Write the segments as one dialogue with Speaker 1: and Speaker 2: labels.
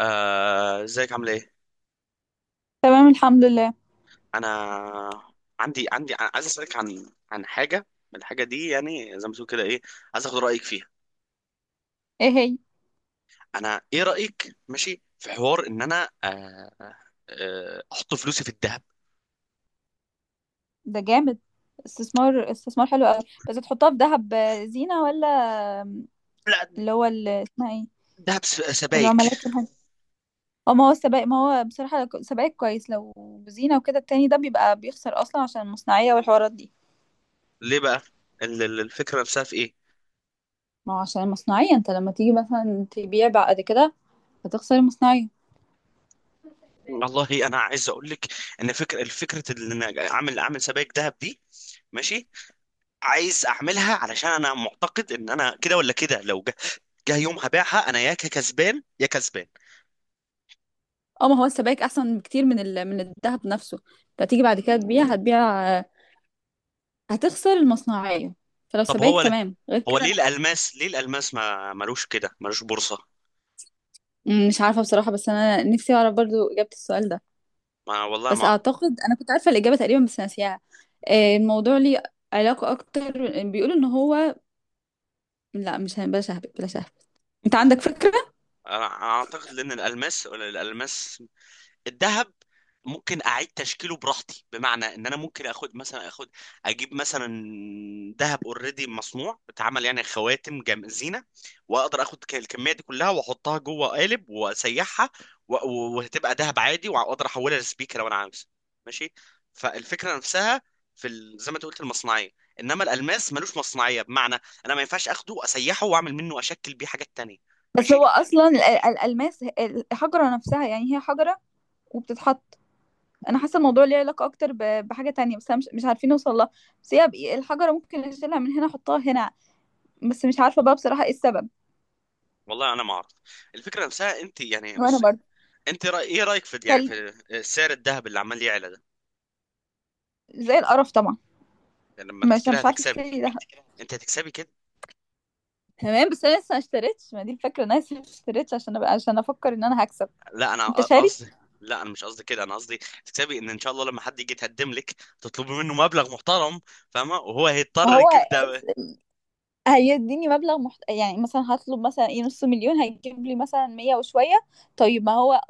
Speaker 1: آه، ازيك عامل ايه؟
Speaker 2: تمام، الحمد لله.
Speaker 1: انا عندي عايز اسالك عن حاجه من الحاجه دي، يعني زي ما تقول كده ايه. عايز اخد رايك فيها.
Speaker 2: ايه هي؟
Speaker 1: انا، ايه رايك ماشي في حوار ان انا احط فلوسي في الذهب؟
Speaker 2: ده جامد. استثمار استثمار حلو قوي، بس تحطها في ذهب زينة ولا؟
Speaker 1: لا.
Speaker 2: اللي هو اسمها ايه؟
Speaker 1: ذهب سبائك.
Speaker 2: العملات، الحاجة. اه، ما هو السبائك، ما هو بصراحة سبائك كويس لو زينة وكده. التاني ده بيبقى بيخسر اصلا عشان المصنعية والحوارات دي.
Speaker 1: ليه بقى؟ الفكره نفسها في ايه؟
Speaker 2: ما هو عشان المصنعية انت لما تيجي مثلا تبيع بعد كده هتخسر المصنعية.
Speaker 1: والله انا عايز اقول لك ان الفكره ان انا اعمل سبائك ذهب دي، ماشي. عايز اعملها علشان انا معتقد ان انا كده ولا كده. لو جه يوم هبيعها انا يا كسبان يا كسبان.
Speaker 2: اه، ما هو السبائك احسن بكتير من الذهب نفسه. انت هتيجي بعد كده تبيع، هتبيع هتخسر المصنعية. فلو
Speaker 1: طب
Speaker 2: سبائك تمام، غير
Speaker 1: هو ليه
Speaker 2: كده.
Speaker 1: الالماس، ما ملوش كده، ملوش بورصة؟
Speaker 2: مش عارفة بصراحة، بس أنا نفسي أعرف برضو إجابة السؤال ده.
Speaker 1: ما والله ما
Speaker 2: بس
Speaker 1: اعرف.
Speaker 2: أعتقد أنا كنت عارفة الإجابة تقريبا بس ناسيها. الموضوع ليه علاقة أكتر. بيقولوا إن هو، لا، مش هن- بلا شهب بلا شهب. أنت عندك فكرة؟
Speaker 1: انا اعتقد لان الالماس الالماس الذهب ممكن اعيد تشكيله براحتي، بمعنى ان انا ممكن اخد مثلا اخد اجيب مثلا ذهب اوريدي مصنوع اتعمل، يعني خواتم جم زينه. واقدر اخد الكميه دي كلها واحطها جوه قالب واسيحها، وهتبقى ذهب عادي، واقدر احولها لسبيكه لو انا عاوز، ماشي. فالفكره نفسها في زي ما انت قلت، المصنعيه. انما الالماس ملوش مصنعيه، بمعنى انا ما ينفعش اخده اسيحه واعمل منه، اشكل بيه حاجات تانية،
Speaker 2: بس هو
Speaker 1: ماشي.
Speaker 2: اصلا الالماس، الحجره نفسها، يعني هي حجره وبتتحط. انا حاسه الموضوع ليه علاقه اكتر بحاجه تانية، بس أنا مش عارفين نوصل لها. بس هي الحجره ممكن اشيلها من هنا احطها هنا، بس مش عارفه بقى بصراحه ايه السبب.
Speaker 1: والله انا ما اعرف. الفكره نفسها، انت يعني
Speaker 2: وانا
Speaker 1: بص.
Speaker 2: برضه.
Speaker 1: انت ايه رايك في، يعني
Speaker 2: تل...
Speaker 1: في سعر الذهب اللي عمال يعلى ده.
Speaker 2: زي القرف طبعا.
Speaker 1: يعني لما انت
Speaker 2: مش
Speaker 1: كده
Speaker 2: مش عارفه
Speaker 1: هتكسبي.
Speaker 2: اشتري ده.
Speaker 1: انت هتكسبي كده.
Speaker 2: تمام، بس انا لسه ما اشتريتش، ما دي الفكره، انا لسه ما اشتريتش عشان أبقى، عشان افكر ان انا هكسب.
Speaker 1: لا انا
Speaker 2: انت شاري.
Speaker 1: قصدي. لا انا مش قصدي كده، انا قصدي تكسبي، ان ان شاء الله لما حد يجي يتقدم لك، تطلبي منه مبلغ محترم، فاهمه، وهو
Speaker 2: ما
Speaker 1: هيضطر
Speaker 2: هو
Speaker 1: يجيب ده.
Speaker 2: هيديني مبلغ يعني مثلا هطلب مثلا ايه نص مليون، هيجيب لي مثلا 100 وشويه. طيب ما هو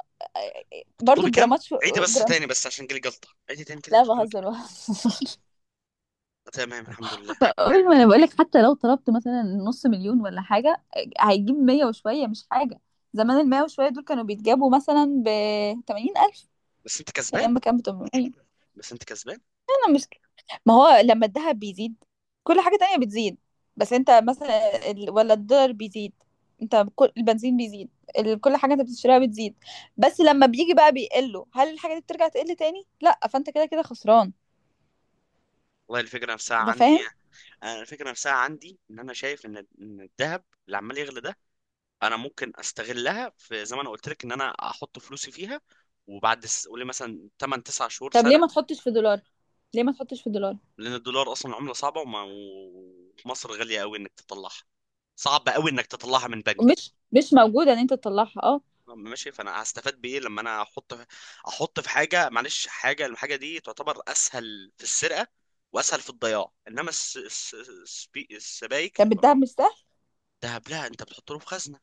Speaker 2: برضو
Speaker 1: تطلبي كام؟
Speaker 2: الجرامات
Speaker 1: عيدي بس
Speaker 2: جرام.
Speaker 1: تاني، بس عشان جالي جلطه، عيدي تاني كده
Speaker 2: لا
Speaker 1: تطلبي كام؟
Speaker 2: بهزر
Speaker 1: آه،
Speaker 2: بهزر.
Speaker 1: تمام، الحمد لله.
Speaker 2: قول، ما انا بقولك، حتى لو طلبت مثلا نص مليون ولا حاجه هيجيب 100 وشويه، مش حاجه. زمان 100 وشويه دول كانوا بيتجابوا مثلا ب 80 الف،
Speaker 1: بس انت
Speaker 2: ايام
Speaker 1: كسبان.
Speaker 2: ما كان ب 800.
Speaker 1: بس انت كسبان.
Speaker 2: أنا مش. ما هو لما الذهب بيزيد كل حاجة تانية بتزيد. بس انت مثلا ولا الدولار بيزيد، انت كل البنزين بيزيد، كل حاجة انت بتشتريها بتزيد. بس لما بيجي بقى بيقله، هل الحاجة دي بترجع تقل تاني؟ لا، فانت كده كده خسران.
Speaker 1: والله الفكره نفسها
Speaker 2: انت
Speaker 1: عندي
Speaker 2: فاهم؟
Speaker 1: يعني. انا الفكره نفسها عندي، ان انا شايف إن الذهب اللي عمال يغلى ده، انا ممكن استغلها، في زي ما انا قلت لك ان انا احط فلوسي فيها، وبعد قولي مثلا 8 9 شهور
Speaker 2: طب ليه
Speaker 1: سنه.
Speaker 2: ما تحطش في دولار؟ ليه ما تحطش في دولار؟
Speaker 1: لان الدولار اصلا عمله صعبه، ومصر غاليه قوي انك تطلعها، صعب قوي انك تطلعها من بنك،
Speaker 2: ومش مش موجودة ان انت تطلعها، اه.
Speaker 1: ماشي. فانا هستفاد بايه لما انا احط في حاجه، معلش، الحاجه دي تعتبر اسهل في السرقه واسهل في الضياع، انما السبايك.
Speaker 2: طب الدهب مش سهل؟
Speaker 1: دهب؟ لا انت بتحط له في خزنه.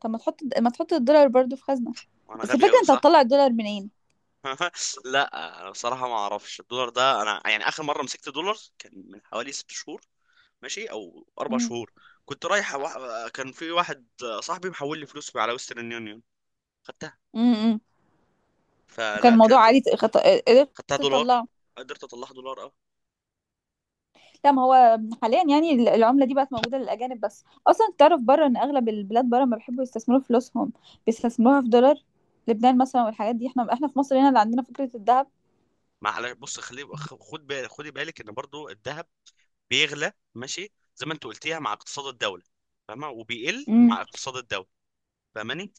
Speaker 2: طب ما تحط الدولار برضو في خزنة.
Speaker 1: وانا
Speaker 2: بس
Speaker 1: غبي
Speaker 2: الفكرة
Speaker 1: قوي،
Speaker 2: انت
Speaker 1: صح؟
Speaker 2: هتطلع الدولار منين؟
Speaker 1: لا انا بصراحه ما اعرفش الدولار ده، انا يعني اخر مره مسكت دولار كان من حوالي 6 شهور، ماشي، او اربع
Speaker 2: امم.
Speaker 1: شهور كنت رايح كان في واحد صاحبي محول لي فلوس على ويسترن يونيون، خدتها.
Speaker 2: امم. وكان
Speaker 1: فلا
Speaker 2: الموضوع
Speaker 1: كانت،
Speaker 2: عادي، قدرت
Speaker 1: خدتها دولار.
Speaker 2: تطلعه.
Speaker 1: قدرت اطلعها دولار، اه.
Speaker 2: لا، ما هو حاليا يعني العملة دي بقت موجودة للأجانب بس، أصلا تعرف بره إن أغلب البلاد بره ما بيحبوا يستثمروا فلوسهم، بيستثمروها في دولار. لبنان مثلا والحاجات دي، احنا في مصر هنا اللي عندنا فكرة الذهب.
Speaker 1: معلش بص، خد بالك خدي بالك ان برضو الذهب بيغلى، ماشي، زي ما انت قلتيها، مع اقتصاد الدوله، فاهمه، وبيقل
Speaker 2: امم.
Speaker 1: مع اقتصاد الدوله، فاهماني؟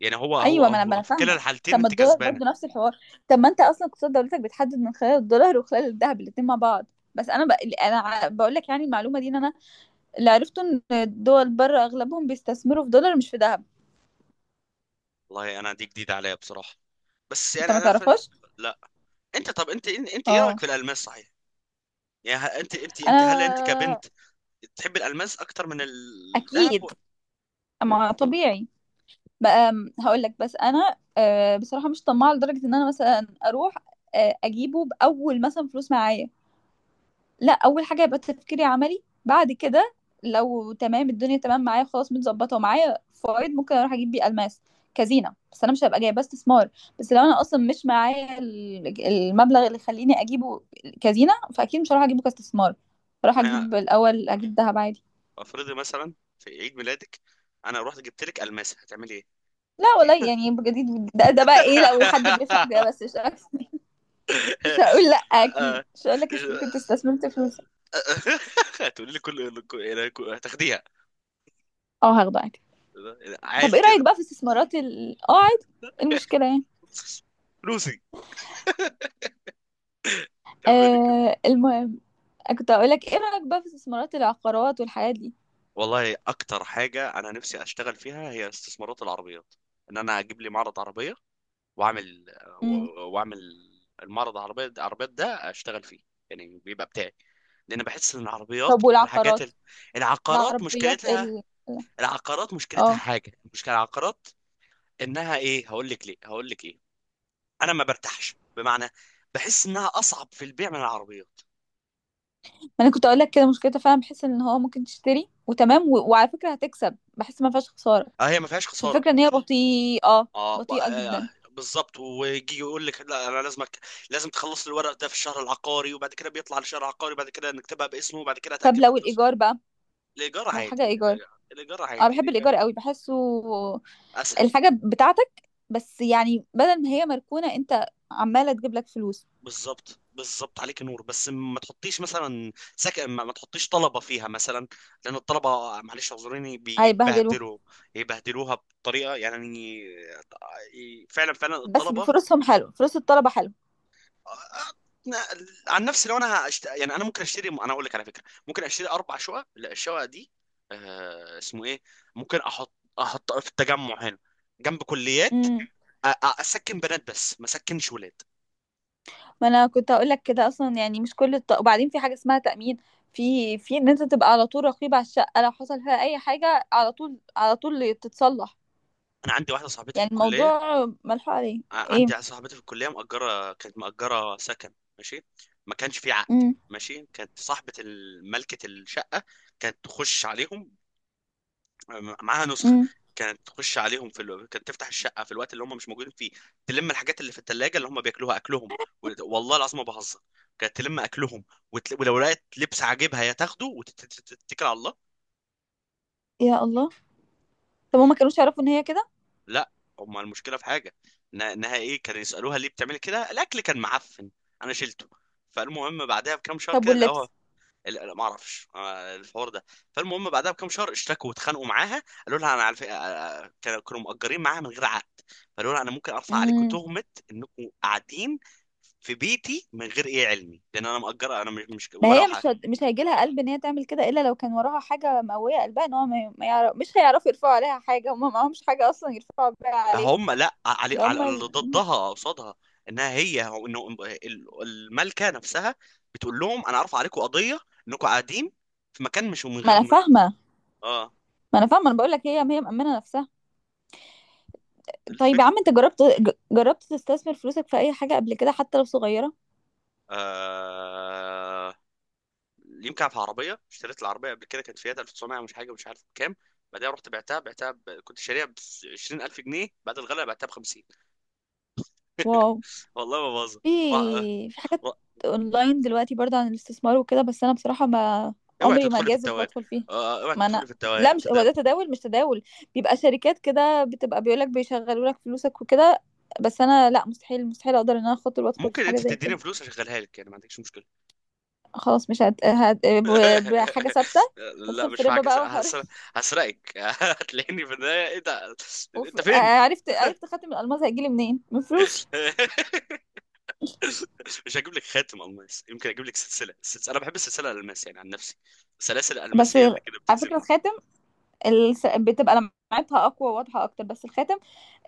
Speaker 1: يعني هو هو
Speaker 2: أيوه، ما
Speaker 1: هو
Speaker 2: أنا
Speaker 1: في كلا
Speaker 2: فاهمة.
Speaker 1: الحالتين
Speaker 2: طب ما
Speaker 1: انت
Speaker 2: الدولار
Speaker 1: كسبانه.
Speaker 2: برضه نفس الحوار. طب ما أنت أصلا اقتصاد دولتك بيتحدد من خلال الدولار وخلال الذهب، الاتنين مع بعض. بس أنا أنا بقول لك، يعني المعلومة دي إن أنا اللي عرفته إن الدول بره أغلبهم بيستثمروا في دولار مش في ذهب.
Speaker 1: والله انا، دي جديده عليا بصراحه. بس
Speaker 2: أنت
Speaker 1: يعني
Speaker 2: ما
Speaker 1: انا
Speaker 2: تعرفهاش؟
Speaker 1: لا. انت، طب انت ايه
Speaker 2: اه.
Speaker 1: رايك في الالماس، صحيح؟ يعني انت هل انت
Speaker 2: أنا.
Speaker 1: كبنت تحب الالماس اكتر من الذهب؟
Speaker 2: أكيد، ما طبيعي بقى. هقول لك بس انا بصراحه مش طماعه لدرجه ان انا مثلا اروح اجيبه باول مثلا فلوس معايا. لا، اول حاجه يبقى تفكيري عملي. بعد كده لو تمام الدنيا، تمام معايا خلاص، متظبطه ومعايا فوائد، ممكن اروح اجيب بيه الماس كزينه، بس انا مش هبقى جايباه استثمار. بس لو انا اصلا مش معايا المبلغ اللي يخليني اجيبه كزينه، فاكيد مش هروح اجيبه كاستثمار. هروح
Speaker 1: انا،
Speaker 2: اجيب الاول، اجيب ذهب عادي.
Speaker 1: افرضي مثلا في عيد ميلادك انا رحت جبت لك الماسه، هتعملي ايه؟
Speaker 2: لا والله يعني بجد، ده، ده بقى ايه لو حد بيفهم كده، بس مش أكتر. مش هقول لا، اكيد
Speaker 1: آه.
Speaker 2: مش هقول لك كنت استثمرت فلوسك.
Speaker 1: هتقولي لي هتاخديها؟
Speaker 2: اه، هاخده عادي. طب
Speaker 1: عادي
Speaker 2: ايه رايك
Speaker 1: كده.
Speaker 2: بقى في استثمارات ال عادي، إيه المشكله يعني؟
Speaker 1: فلوسي، كملي.
Speaker 2: آه، المهم، كنت هقول لك ايه رايك بقى في استثمارات العقارات والحاجات دي؟
Speaker 1: والله اكتر حاجه انا نفسي اشتغل فيها هي استثمارات العربيات، ان انا اجيب لي معرض عربيه، واعمل
Speaker 2: امم.
Speaker 1: واعمل المعرض العربيات ده اشتغل فيه، يعني بيبقى بتاعي، لان بحس ان العربيات
Speaker 2: طب
Speaker 1: من الحاجات
Speaker 2: والعقارات؟
Speaker 1: العقارات
Speaker 2: العربيات
Speaker 1: مشكلتها.
Speaker 2: ال-
Speaker 1: العقارات مشكلتها
Speaker 2: اه،
Speaker 1: حاجه، مشكله العقارات انها ايه، هقول لك ليه، هقول لك ايه، انا ما برتاحش، بمعنى بحس انها اصعب في البيع من العربيات.
Speaker 2: ما انا كنت اقول لك كده، مشكلتها فعلا، بحس ان هو ممكن تشتري وتمام وعلى فكره هتكسب، بحس ما فيهاش خساره.
Speaker 1: اه، هي ما فيهاش
Speaker 2: بس
Speaker 1: خساره.
Speaker 2: الفكره ان هي بطيئه،
Speaker 1: اه
Speaker 2: بطيئه جدا.
Speaker 1: بالظبط، ويجي يقول لك لا انا لازمك، لازم تخلص لي الورق ده في الشهر العقاري، وبعد كده بيطلع لشهر عقاري، وبعد كده نكتبها باسمه، وبعد كده
Speaker 2: طب
Speaker 1: اتاكد ان
Speaker 2: لو
Speaker 1: فلوس.
Speaker 2: الايجار بقى،
Speaker 1: الايجار
Speaker 2: لو حاجه
Speaker 1: عادي،
Speaker 2: ايجار.
Speaker 1: الايجار
Speaker 2: اه،
Speaker 1: عادي،
Speaker 2: بحب
Speaker 1: الايجار
Speaker 2: الايجار قوي، بحسه
Speaker 1: اسهل.
Speaker 2: الحاجة بتاعتك. بس يعني بدل ما هي مركونة، انت عمالة تجيب لك فلوس.
Speaker 1: بالظبط بالظبط، عليك نور، بس ما تحطيش مثلا سكن، ما تحطيش طلبه فيها مثلا، لان الطلبه، معلش اعذريني،
Speaker 2: هيبهدلوها.
Speaker 1: بيبهدلوا، يبهدلوها بطريقه يعني، فعلا فعلا
Speaker 2: بس
Speaker 1: الطلبه.
Speaker 2: بفلوسهم حلو، فلوس الطلبة حلو.
Speaker 1: عن نفسي لو انا يعني انا ممكن اشتري، انا اقول لك على فكره، ممكن اشتري 4 شقق. لا، الشقق دي، اسمه ايه، ممكن احط في التجمع هنا جنب كليات،
Speaker 2: امم.
Speaker 1: اسكن بنات بس ما اسكنش ولاد.
Speaker 2: ما انا كنت هقول لك كده اصلا، يعني مش كل وبعدين في حاجة اسمها تأمين، في ان انت تبقى على طول رقيب على الشقة، لو حصل فيها اي حاجة على طول، على طول تتصلح.
Speaker 1: انا عندي واحده صاحبتي في
Speaker 2: يعني
Speaker 1: الكليه،
Speaker 2: الموضوع ملحوق عليه.
Speaker 1: عندي
Speaker 2: ايه.
Speaker 1: واحده صاحبتي في الكليه مأجره، كانت مأجره سكن، ماشي. ما كانش في عقد،
Speaker 2: امم.
Speaker 1: ماشي. كانت صاحبه ملكه الشقه، كانت تخش عليهم، معاها نسخه.
Speaker 2: امم.
Speaker 1: كانت تفتح الشقه في الوقت اللي هم مش موجودين فيه، تلم الحاجات اللي في الثلاجه اللي هم بياكلوها، اكلهم. والله العظيم ما بهزر، كانت تلم اكلهم، ولو لقيت لبس عاجبها هي تاخده وتتكل على الله.
Speaker 2: يا الله! طب هما كانوش يعرفوا ان هي كده؟
Speaker 1: لا، هم المشكله في حاجه، انها ايه، كانوا يسالوها ليه بتعملي كده؟ الاكل كان معفن، انا شلته. فالمهم بعدها بكام شهر
Speaker 2: طب
Speaker 1: كده لقوها.
Speaker 2: واللبس؟
Speaker 1: لا ما اعرفش الحوار ده. فالمهم بعدها بكام شهر اشتكوا واتخانقوا معاها، قالوا لها انا على فكره، كانوا مأجرين معاها من غير عقد، فقالوا لها انا ممكن ارفع عليكم
Speaker 2: امم.
Speaker 1: تهمه انكم قاعدين في بيتي من غير ايه علمي، لان انا مأجره، انا مش
Speaker 2: ما
Speaker 1: ولا
Speaker 2: هي مش
Speaker 1: حاجه.
Speaker 2: مش هيجي لها قلب ان هي تعمل كده الا لو كان وراها حاجه مقويه قلبها، ان هو ما يعرف، مش هيعرفوا يرفعوا عليها حاجه، هم معهمش حاجه اصلا يرفعوا بيها عليه.
Speaker 1: هم، لا، علي
Speaker 2: ده هم
Speaker 1: على اللي ضدها، قصادها، انها هي هو انه ال- الملكه نفسها بتقول لهم انا ارفع عليكم قضيه انكم قاعدين في مكان، مش من
Speaker 2: ما
Speaker 1: غير
Speaker 2: انا
Speaker 1: ما.
Speaker 2: فاهمه،
Speaker 1: اه.
Speaker 2: ما انا فاهمه، انا بقول لك هي هي مأمنه نفسها. طيب يا
Speaker 1: الفكره.
Speaker 2: عم، انت جربت جربت تستثمر فلوسك في اي حاجه قبل كده حتى لو صغيره؟
Speaker 1: آه... يمكن في عربيه، اشتريت العربيه قبل كده، كانت فيات 1900، مش حاجه، مش عارف بكام. بعدها رحت كنت شاريها ب 20,000 جنيه، بعد الغلا بعتها ب 50.
Speaker 2: واو.
Speaker 1: والله ما بهزر.
Speaker 2: في
Speaker 1: را-
Speaker 2: في حاجات
Speaker 1: را-
Speaker 2: اونلاين دلوقتي برضه عن الاستثمار وكده، بس انا بصراحه ما
Speaker 1: اوعي
Speaker 2: عمري ما
Speaker 1: تدخلي في
Speaker 2: جاذب
Speaker 1: التوان،
Speaker 2: وادخل فيها.
Speaker 1: اوعي
Speaker 2: ما انا،
Speaker 1: تدخلي في
Speaker 2: لا مش هو
Speaker 1: التداول.
Speaker 2: ده تداول، مش تداول، بيبقى شركات كده بتبقى، بيقولك بيشغلوا لك فلوسك وكده. بس انا لا، مستحيل اقدر ان انا اخاطر وادخل
Speaker 1: ممكن
Speaker 2: في حاجه
Speaker 1: انت
Speaker 2: زي كده.
Speaker 1: تديني فلوس اشغلها لك يعني، ما عندكش مشكله.
Speaker 2: خلاص مش هت... هت... ب- بحاجه ثابته.
Speaker 1: لا
Speaker 2: ندخل في
Speaker 1: مش
Speaker 2: ربا
Speaker 1: معاك،
Speaker 2: بقى وحوارات.
Speaker 1: هسرقك. هتلاقيني في النهايه، ايه ده، انت فين؟
Speaker 2: عرفت عرفت خاتم الالماس هيجيلي منين من فلوسي.
Speaker 1: مش هجيب لك خاتم الماس، يمكن اجيب لك سلسله. السلسله، انا بحب السلسله الالماس يعني، عن نفسي، سلاسل الالماس
Speaker 2: بس
Speaker 1: هي اللي كده
Speaker 2: على فكره
Speaker 1: بتجذبني.
Speaker 2: بتبقى لمعتها اقوى وواضحه اكتر، بس الخاتم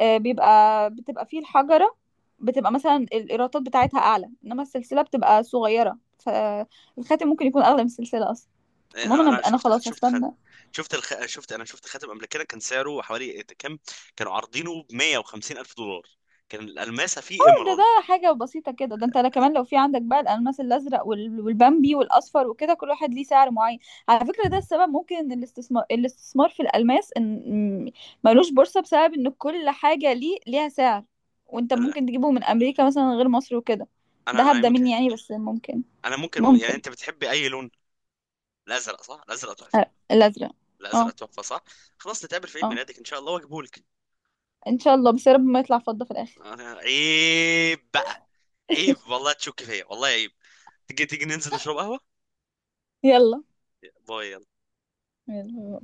Speaker 2: بيبقى بتبقى فيه الحجره، بتبقى مثلا الايرادات بتاعتها اعلى، انما السلسله بتبقى صغيره، فالخاتم ممكن يكون اغلى من السلسله اصلا.
Speaker 1: يعني
Speaker 2: المهم
Speaker 1: انا أنا
Speaker 2: انا خلاص
Speaker 1: شفت خاتم،
Speaker 2: هستنى.
Speaker 1: شفت الخ... شفت انا شفت خاتم قبل كده، كان سعره حوالي إيه كام، كانوا عارضينه ب 150 الف دولار، كان الالماسه فيه
Speaker 2: ده، ده
Speaker 1: ايمرالد.
Speaker 2: حاجة بسيطة كده، ده انت، لا كمان لو في عندك بقى الألماس الأزرق والبامبي والأصفر وكده، كل واحد ليه سعر معين. على فكرة، ده السبب ممكن ان الاستثمار في الألماس ان م- ملوش بورصة بسبب ان كل حاجة ليه ليها سعر. وانت
Speaker 1: انا
Speaker 2: ممكن تجيبه من أمريكا مثلا غير مصر وكده. ده
Speaker 1: انا
Speaker 2: هبدأ
Speaker 1: يمكن،
Speaker 2: مني يعني، بس ممكن.
Speaker 1: انا ممكن يعني
Speaker 2: ممكن.
Speaker 1: انت بتحبي اي لون؟ الازرق، صح؟ الازرق تحفه،
Speaker 2: أه، الأزرق.
Speaker 1: الازرق
Speaker 2: اه.
Speaker 1: تحفه، صح؟ خلاص نتقابل في عيد
Speaker 2: اه
Speaker 1: ميلادك ان شاء الله واجيبه لك.
Speaker 2: ان شاء الله، بس يا رب ما يطلع فضة في الآخر.
Speaker 1: عيب بقى، عيب والله تشك فيا، والله عيب. تيجي تيجي، ننزل نشرب قهوه؟
Speaker 2: يلا.
Speaker 1: بايظ.
Speaker 2: يلا.